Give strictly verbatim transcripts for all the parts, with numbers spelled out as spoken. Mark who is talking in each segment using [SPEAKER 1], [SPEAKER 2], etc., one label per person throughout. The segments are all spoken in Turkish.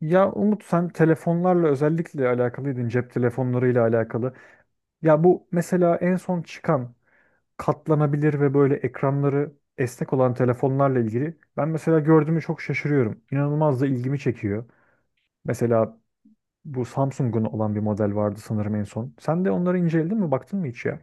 [SPEAKER 1] Ya Umut sen telefonlarla özellikle alakalıydın cep telefonlarıyla alakalı. Ya bu mesela en son çıkan katlanabilir ve böyle ekranları esnek olan telefonlarla ilgili ben mesela gördüğümü çok şaşırıyorum. İnanılmaz da ilgimi çekiyor. Mesela bu Samsung'un olan bir model vardı sanırım en son. Sen de onları inceledin mi baktın mı hiç ya?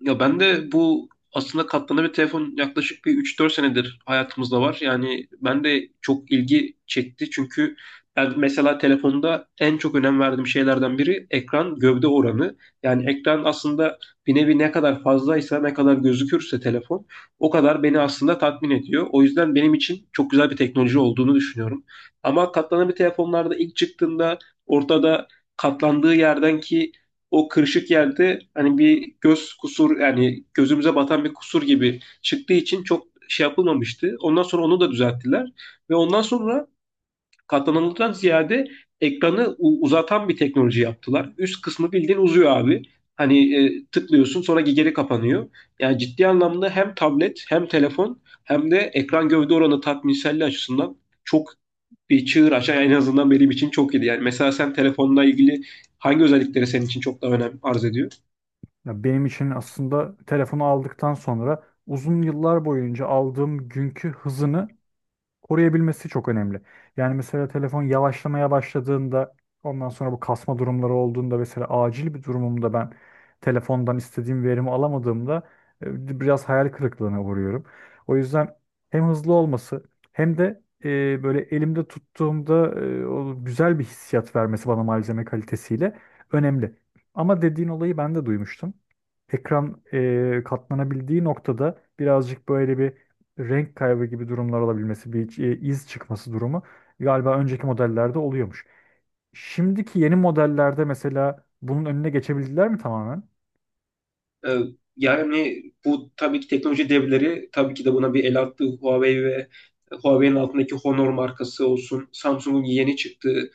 [SPEAKER 2] Ya ben de bu aslında katlanabilir telefon yaklaşık bir üç dört senedir hayatımızda var. Yani ben de çok ilgi çekti çünkü ben mesela telefonda en çok önem verdiğim şeylerden biri ekran gövde oranı. Yani ekran aslında bir nevi ne kadar fazlaysa, ne kadar gözükürse telefon o kadar beni aslında tatmin ediyor. O yüzden benim için çok güzel bir teknoloji olduğunu düşünüyorum. Ama katlanabilir telefonlarda ilk çıktığında ortada katlandığı yerdenki o kırışık yerde hani bir göz kusur yani gözümüze batan bir kusur gibi çıktığı için çok şey yapılmamıştı. Ondan sonra onu da düzelttiler ve ondan sonra katlananlıktan ziyade ekranı u- uzatan bir teknoloji yaptılar. Üst kısmı bildiğin uzuyor abi. Hani e, tıklıyorsun sonra geri kapanıyor. Yani ciddi anlamda hem tablet hem telefon hem de ekran gövde oranı tatminselliği açısından çok bir çığır açan en azından benim için çok iyiydi. Yani mesela sen telefonla ilgili hangi özellikleri senin için çok daha önem arz ediyor?
[SPEAKER 1] Ya benim için aslında telefonu aldıktan sonra uzun yıllar boyunca aldığım günkü hızını koruyabilmesi çok önemli. Yani mesela telefon yavaşlamaya başladığında ondan sonra bu kasma durumları olduğunda mesela acil bir durumumda ben telefondan istediğim verimi alamadığımda e, biraz hayal kırıklığına uğruyorum. O yüzden hem hızlı olması hem de e, böyle elimde tuttuğumda e, o güzel bir hissiyat vermesi bana malzeme kalitesiyle önemli. Ama dediğin olayı ben de duymuştum. Ekran e, katlanabildiği noktada birazcık böyle bir renk kaybı gibi durumlar olabilmesi, bir e, iz çıkması durumu galiba önceki modellerde oluyormuş. Şimdiki yeni modellerde mesela bunun önüne geçebildiler mi tamamen?
[SPEAKER 2] Ee, Yani bu tabii ki teknoloji devleri tabii ki de buna bir el attı. Huawei ve Huawei'nin altındaki Honor markası olsun, Samsung'un yeni çıktığı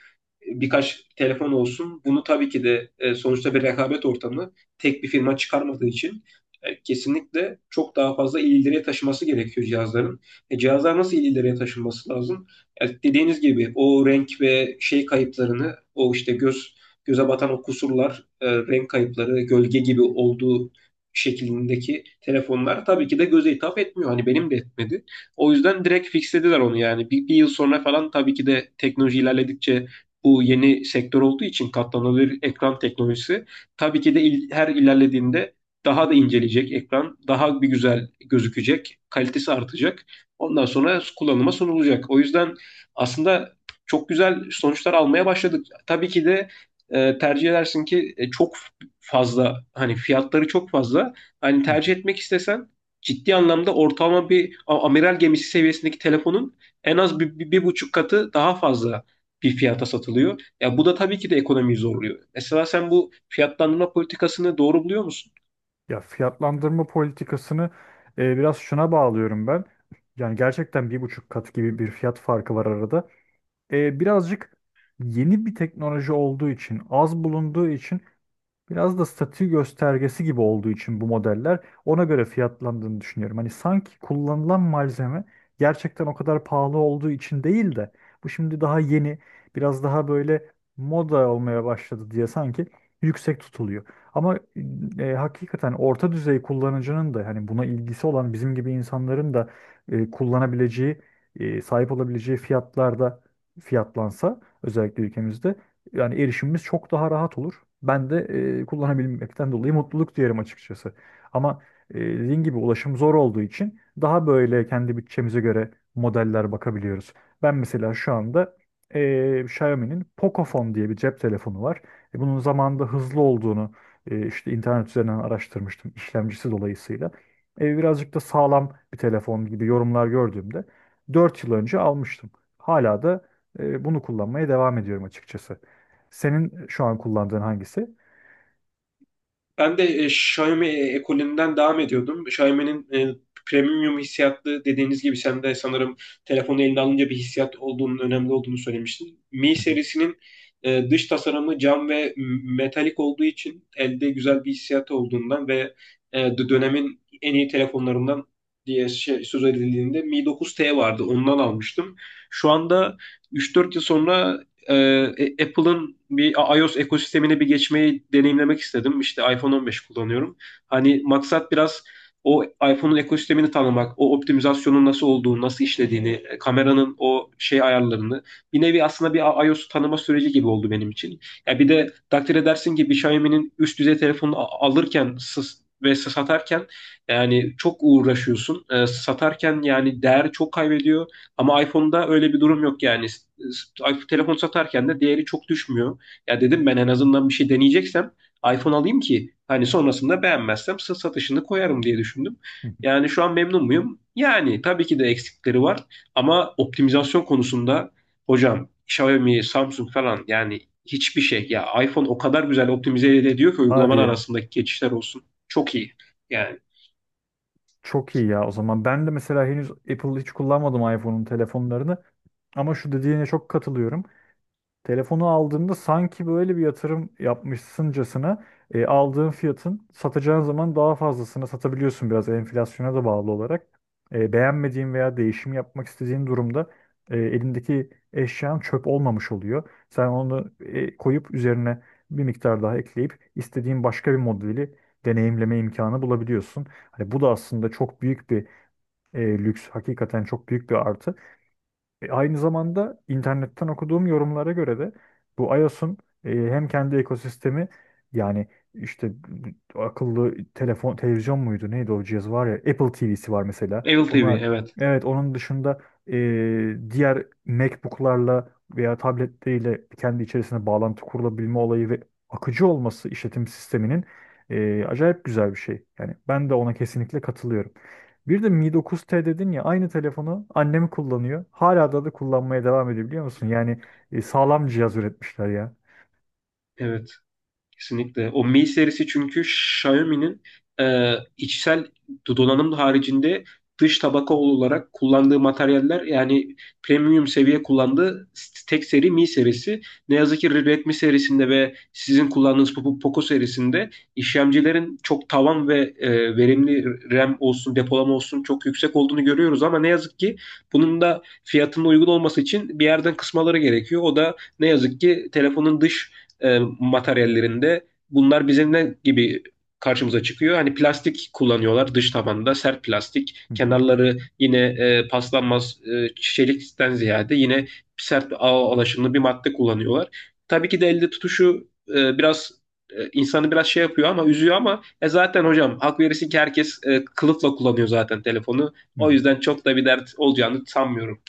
[SPEAKER 2] e, birkaç telefon olsun. Bunu tabii ki de e, sonuçta bir rekabet ortamı tek bir firma çıkarmadığı için e, kesinlikle çok daha fazla ileriye taşıması gerekiyor cihazların. E, Cihazlar nasıl ileriye taşınması lazım? E, Dediğiniz gibi o renk ve şey kayıplarını, o işte göz göze batan o kusurlar, e, renk kayıpları, gölge gibi olduğu şeklindeki telefonlar tabii ki de göze hitap etmiyor. Hani benim de etmedi. O yüzden direkt fixlediler onu yani. Bir, bir yıl sonra falan tabii ki de teknoloji ilerledikçe bu yeni sektör olduğu için katlanabilir ekran teknolojisi tabii ki de il- her ilerlediğinde daha da inceleyecek ekran, daha bir güzel gözükecek, kalitesi artacak. Ondan sonra kullanıma sunulacak. O yüzden aslında çok güzel sonuçlar almaya başladık. Tabii ki de e, tercih edersin ki e, çok fazla hani fiyatları çok fazla. Hani
[SPEAKER 1] Hı hı.
[SPEAKER 2] tercih etmek istesen ciddi anlamda ortalama bir a- amiral gemisi seviyesindeki telefonun en az bir, bir, bir buçuk katı daha fazla bir fiyata satılıyor. Ya bu da tabii ki de ekonomiyi zorluyor. Mesela sen bu fiyatlandırma politikasını doğru buluyor musun?
[SPEAKER 1] Ya fiyatlandırma politikasını e, biraz şuna bağlıyorum ben. Yani gerçekten bir buçuk kat gibi bir fiyat farkı var arada. E, birazcık yeni bir teknoloji olduğu için, az bulunduğu için Biraz da statü göstergesi gibi olduğu için bu modeller ona göre fiyatlandığını düşünüyorum. Hani sanki kullanılan malzeme gerçekten o kadar pahalı olduğu için değil de bu şimdi daha yeni, biraz daha böyle moda olmaya başladı diye sanki yüksek tutuluyor. Ama e, hakikaten orta düzey kullanıcının da hani buna ilgisi olan bizim gibi insanların da e, kullanabileceği, e, sahip olabileceği fiyatlarda fiyatlansa özellikle ülkemizde yani erişimimiz çok daha rahat olur. Ben de e, kullanabilmekten dolayı mutluluk duyarım açıkçası. Ama e, dediğin gibi ulaşım zor olduğu için daha böyle kendi bütçemize göre modeller bakabiliyoruz. Ben mesela şu anda e, Xiaomi'nin Pocophone diye bir cep telefonu var. E, bunun zamanında hızlı olduğunu e, işte internet üzerinden araştırmıştım işlemcisi dolayısıyla. E, birazcık da sağlam bir telefon gibi yorumlar gördüğümde dört yıl önce almıştım. Hala da e, bunu kullanmaya devam ediyorum açıkçası. Senin şu an kullandığın hangisi?
[SPEAKER 2] Ben de e, Xiaomi e, ekolünden devam ediyordum. Xiaomi'nin e, premium hissiyatlı dediğiniz gibi sen de sanırım telefonu eline alınca bir hissiyat olduğunun önemli olduğunu söylemiştin. Mi
[SPEAKER 1] Hı hı,
[SPEAKER 2] serisinin e, dış tasarımı cam ve metalik olduğu için elde güzel bir hissiyatı olduğundan ve e, dö- dönemin en iyi telefonlarından diye şey, söz edildiğinde Mi dokuz T vardı. Ondan almıştım. Şu anda üç dört yıl sonra e, e, Apple'ın bir iOS ekosistemine bir geçmeyi deneyimlemek istedim. İşte iPhone on beş kullanıyorum. Hani maksat biraz o iPhone'un ekosistemini tanımak, o optimizasyonun nasıl olduğunu, nasıl işlediğini, e, kameranın o şey ayarlarını. Bir nevi aslında bir iOS tanıma süreci gibi oldu benim için. Ya bir de takdir edersin ki bir Xiaomi'nin üst düzey telefonunu a- alırken sız- ve satarken yani çok uğraşıyorsun. E, satarken yani değer çok kaybediyor. Ama iPhone'da öyle bir durum yok yani. S- s- Telefon satarken de değeri çok düşmüyor. Ya dedim ben en azından bir şey deneyeceksem iPhone alayım ki hani sonrasında beğenmezsem sa- satışını koyarım diye düşündüm.
[SPEAKER 1] hı hı.
[SPEAKER 2] Yani şu an memnun muyum? Yani tabii ki de eksikleri var ama optimizasyon konusunda hocam Xiaomi, Samsung falan yani hiçbir şey. Ya iPhone o kadar güzel optimize ediyor ki
[SPEAKER 1] Hadi
[SPEAKER 2] uygulamalar
[SPEAKER 1] ya.
[SPEAKER 2] arasındaki geçişler olsun. Çok iyi. Yani
[SPEAKER 1] Çok iyi ya. O zaman ben de mesela henüz Apple hiç kullanmadım iPhone'un telefonlarını. Ama şu dediğine çok katılıyorum. Telefonu aldığında sanki böyle bir yatırım yapmışsıncasına e, aldığın fiyatın satacağın zaman daha fazlasını satabiliyorsun biraz enflasyona da bağlı olarak. E, beğenmediğin veya değişim yapmak istediğin durumda e, elindeki eşyan çöp olmamış oluyor. Sen onu e, koyup üzerine bir miktar daha ekleyip istediğin başka bir modeli deneyimleme imkanı bulabiliyorsun. Hani bu da aslında çok büyük bir e, lüks, hakikaten çok büyük bir artı. E, aynı zamanda internetten okuduğum yorumlara göre de bu iOS'un e, hem kendi ekosistemi yani işte akıllı telefon televizyon muydu neydi o cihaz var ya Apple T V'si var mesela.
[SPEAKER 2] Apple T V
[SPEAKER 1] Onlar
[SPEAKER 2] evet.
[SPEAKER 1] evet onun dışında e, diğer MacBook'larla veya tabletleriyle kendi içerisine bağlantı kurulabilme olayı ve akıcı olması işletim sisteminin e, acayip güzel bir şey. Yani ben de ona kesinlikle katılıyorum. Bir de Mi dokuz T dedin ya aynı telefonu annem kullanıyor. Hala da da kullanmaya devam ediyor biliyor musun? Yani e, sağlam cihaz üretmişler ya.
[SPEAKER 2] Evet. Kesinlikle. O Mi serisi çünkü Xiaomi'nin e, içsel donanım haricinde dış tabaka olarak kullandığı materyaller yani premium seviye kullandığı tek seri Mi serisi. Ne yazık ki Redmi serisinde ve sizin kullandığınız Poco Poco serisinde işlemcilerin çok tavan ve e, verimli RAM olsun, depolama olsun çok yüksek olduğunu görüyoruz ama ne yazık ki bunun da fiyatının uygun olması için bir yerden kısmaları gerekiyor. O da ne yazık ki telefonun dış e, materyallerinde bunlar bizim ne gibi karşımıza çıkıyor? Hani plastik kullanıyorlar dış tabanda sert plastik.
[SPEAKER 1] Hı hı,
[SPEAKER 2] Kenarları yine e, paslanmaz e, çelikten ziyade yine sert ağ alaşımlı bir madde kullanıyorlar. Tabii ki de elde tutuşu e, biraz e, insanı biraz şey yapıyor ama üzüyor ama e zaten hocam hak verirsin ki herkes e, kılıfla kullanıyor zaten telefonu.
[SPEAKER 1] hı
[SPEAKER 2] O
[SPEAKER 1] hı.
[SPEAKER 2] yüzden çok da bir dert olacağını sanmıyorum.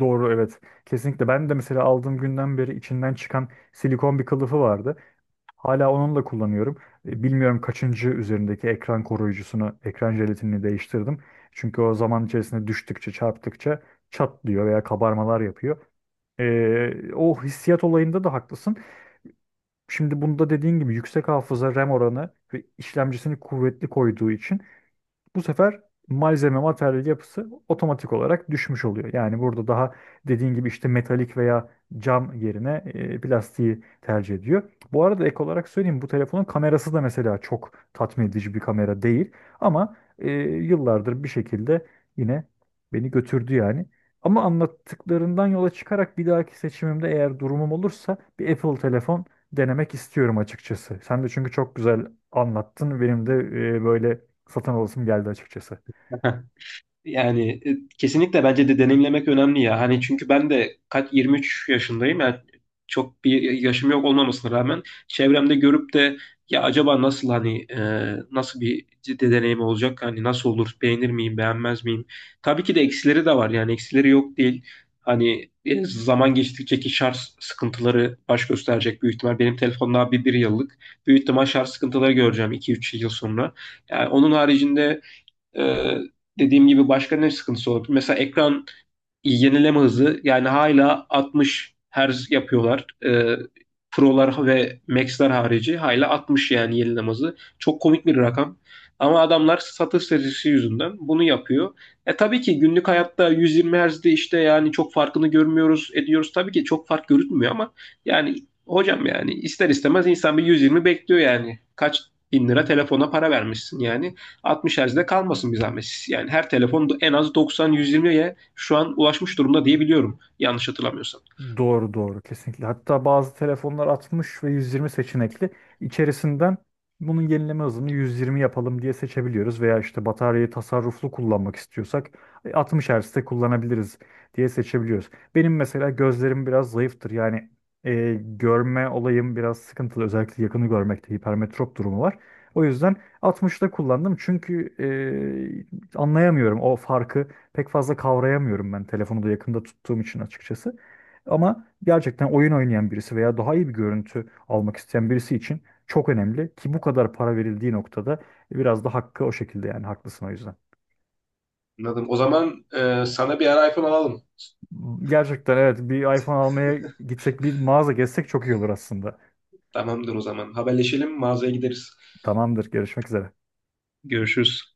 [SPEAKER 1] Doğru evet. Kesinlikle ben de mesela aldığım günden beri içinden çıkan silikon bir kılıfı vardı. Hala onunla kullanıyorum. E, Bilmiyorum kaçıncı üzerindeki ekran koruyucusunu, ekran jelatinini değiştirdim. Çünkü o zaman içerisinde düştükçe, çarptıkça çatlıyor veya kabarmalar yapıyor. E, o hissiyat olayında da haklısın. Şimdi bunda dediğin gibi yüksek hafıza RAM oranı ve işlemcisini kuvvetli koyduğu için bu sefer malzeme materyal yapısı otomatik olarak düşmüş oluyor. Yani burada daha dediğin gibi işte metalik veya cam yerine e, plastiği tercih ediyor. Bu arada ek olarak söyleyeyim bu telefonun kamerası da mesela çok tatmin edici bir kamera değil. Ama e, yıllardır bir şekilde yine beni götürdü yani. Ama anlattıklarından yola çıkarak bir dahaki seçimimde eğer durumum olursa bir Apple telefon denemek istiyorum açıkçası. Sen de çünkü çok güzel anlattın. Benim de e, böyle satın alasım geldi açıkçası.
[SPEAKER 2] Yani e, kesinlikle bence de deneyimlemek önemli ya. Hani çünkü ben de kaç yirmi üç yaşındayım. Yani çok bir yaşım yok olmamasına rağmen çevremde görüp de ya acaba nasıl hani e, nasıl bir ciddi deneyim olacak? Hani nasıl olur? Beğenir miyim, beğenmez miyim? Tabii ki de eksileri de var. Yani eksileri yok değil. Hani e, zaman geçtikçe ki şarj sıkıntıları baş gösterecek büyük ihtimal. Benim telefonum daha bir, bir yıllık. Büyük ihtimal şarj sıkıntıları göreceğim iki üç yıl sonra. Yani onun haricinde ee, dediğim gibi başka ne sıkıntısı olabilir? Mesela ekran yenileme hızı yani hala altmış Hz yapıyorlar. Ee, Pro'lar ve maxlar harici hala altmış yani yenileme hızı. Çok komik bir rakam. Ama adamlar satış stratejisi yüzünden bunu yapıyor. E tabii ki günlük hayatta yüz yirmi Hz'de işte yani çok farkını görmüyoruz, ediyoruz. Tabii ki çok fark görünmüyor ama yani hocam yani ister istemez insan bir yüz yirmi bekliyor yani. Kaç bin lira telefona para vermişsin yani. altmış Hz'de kalmasın bir zahmet. Yani her telefon en az doksan yüz yirmiye şu an ulaşmış durumda diye biliyorum. Yanlış hatırlamıyorsam.
[SPEAKER 1] Doğru doğru, kesinlikle. Hatta bazı telefonlar altmış ve yüz yirmi seçenekli. İçerisinden bunun yenileme hızını yüz yirmi yapalım diye seçebiliyoruz veya işte bataryayı tasarruflu kullanmak istiyorsak e, altmış Hz'de kullanabiliriz diye seçebiliyoruz. Benim mesela gözlerim biraz zayıftır. Yani e, görme olayım biraz sıkıntılı. Özellikle yakını görmekte hipermetrop durumu var. O yüzden altmışta kullandım çünkü e, anlayamıyorum o farkı. Pek fazla kavrayamıyorum ben telefonu da yakında tuttuğum için açıkçası. Ama gerçekten oyun oynayan birisi veya daha iyi bir görüntü almak isteyen birisi için çok önemli ki bu kadar para verildiği noktada biraz da hakkı o şekilde yani haklısın o yüzden.
[SPEAKER 2] Anladım. O zaman e, sana bir ara iPhone alalım.
[SPEAKER 1] Gerçekten evet bir iPhone almaya gitsek bir mağaza gezsek çok iyi olur aslında.
[SPEAKER 2] Tamamdır o zaman. Haberleşelim, mağazaya gideriz.
[SPEAKER 1] Tamamdır, görüşmek üzere.
[SPEAKER 2] Görüşürüz.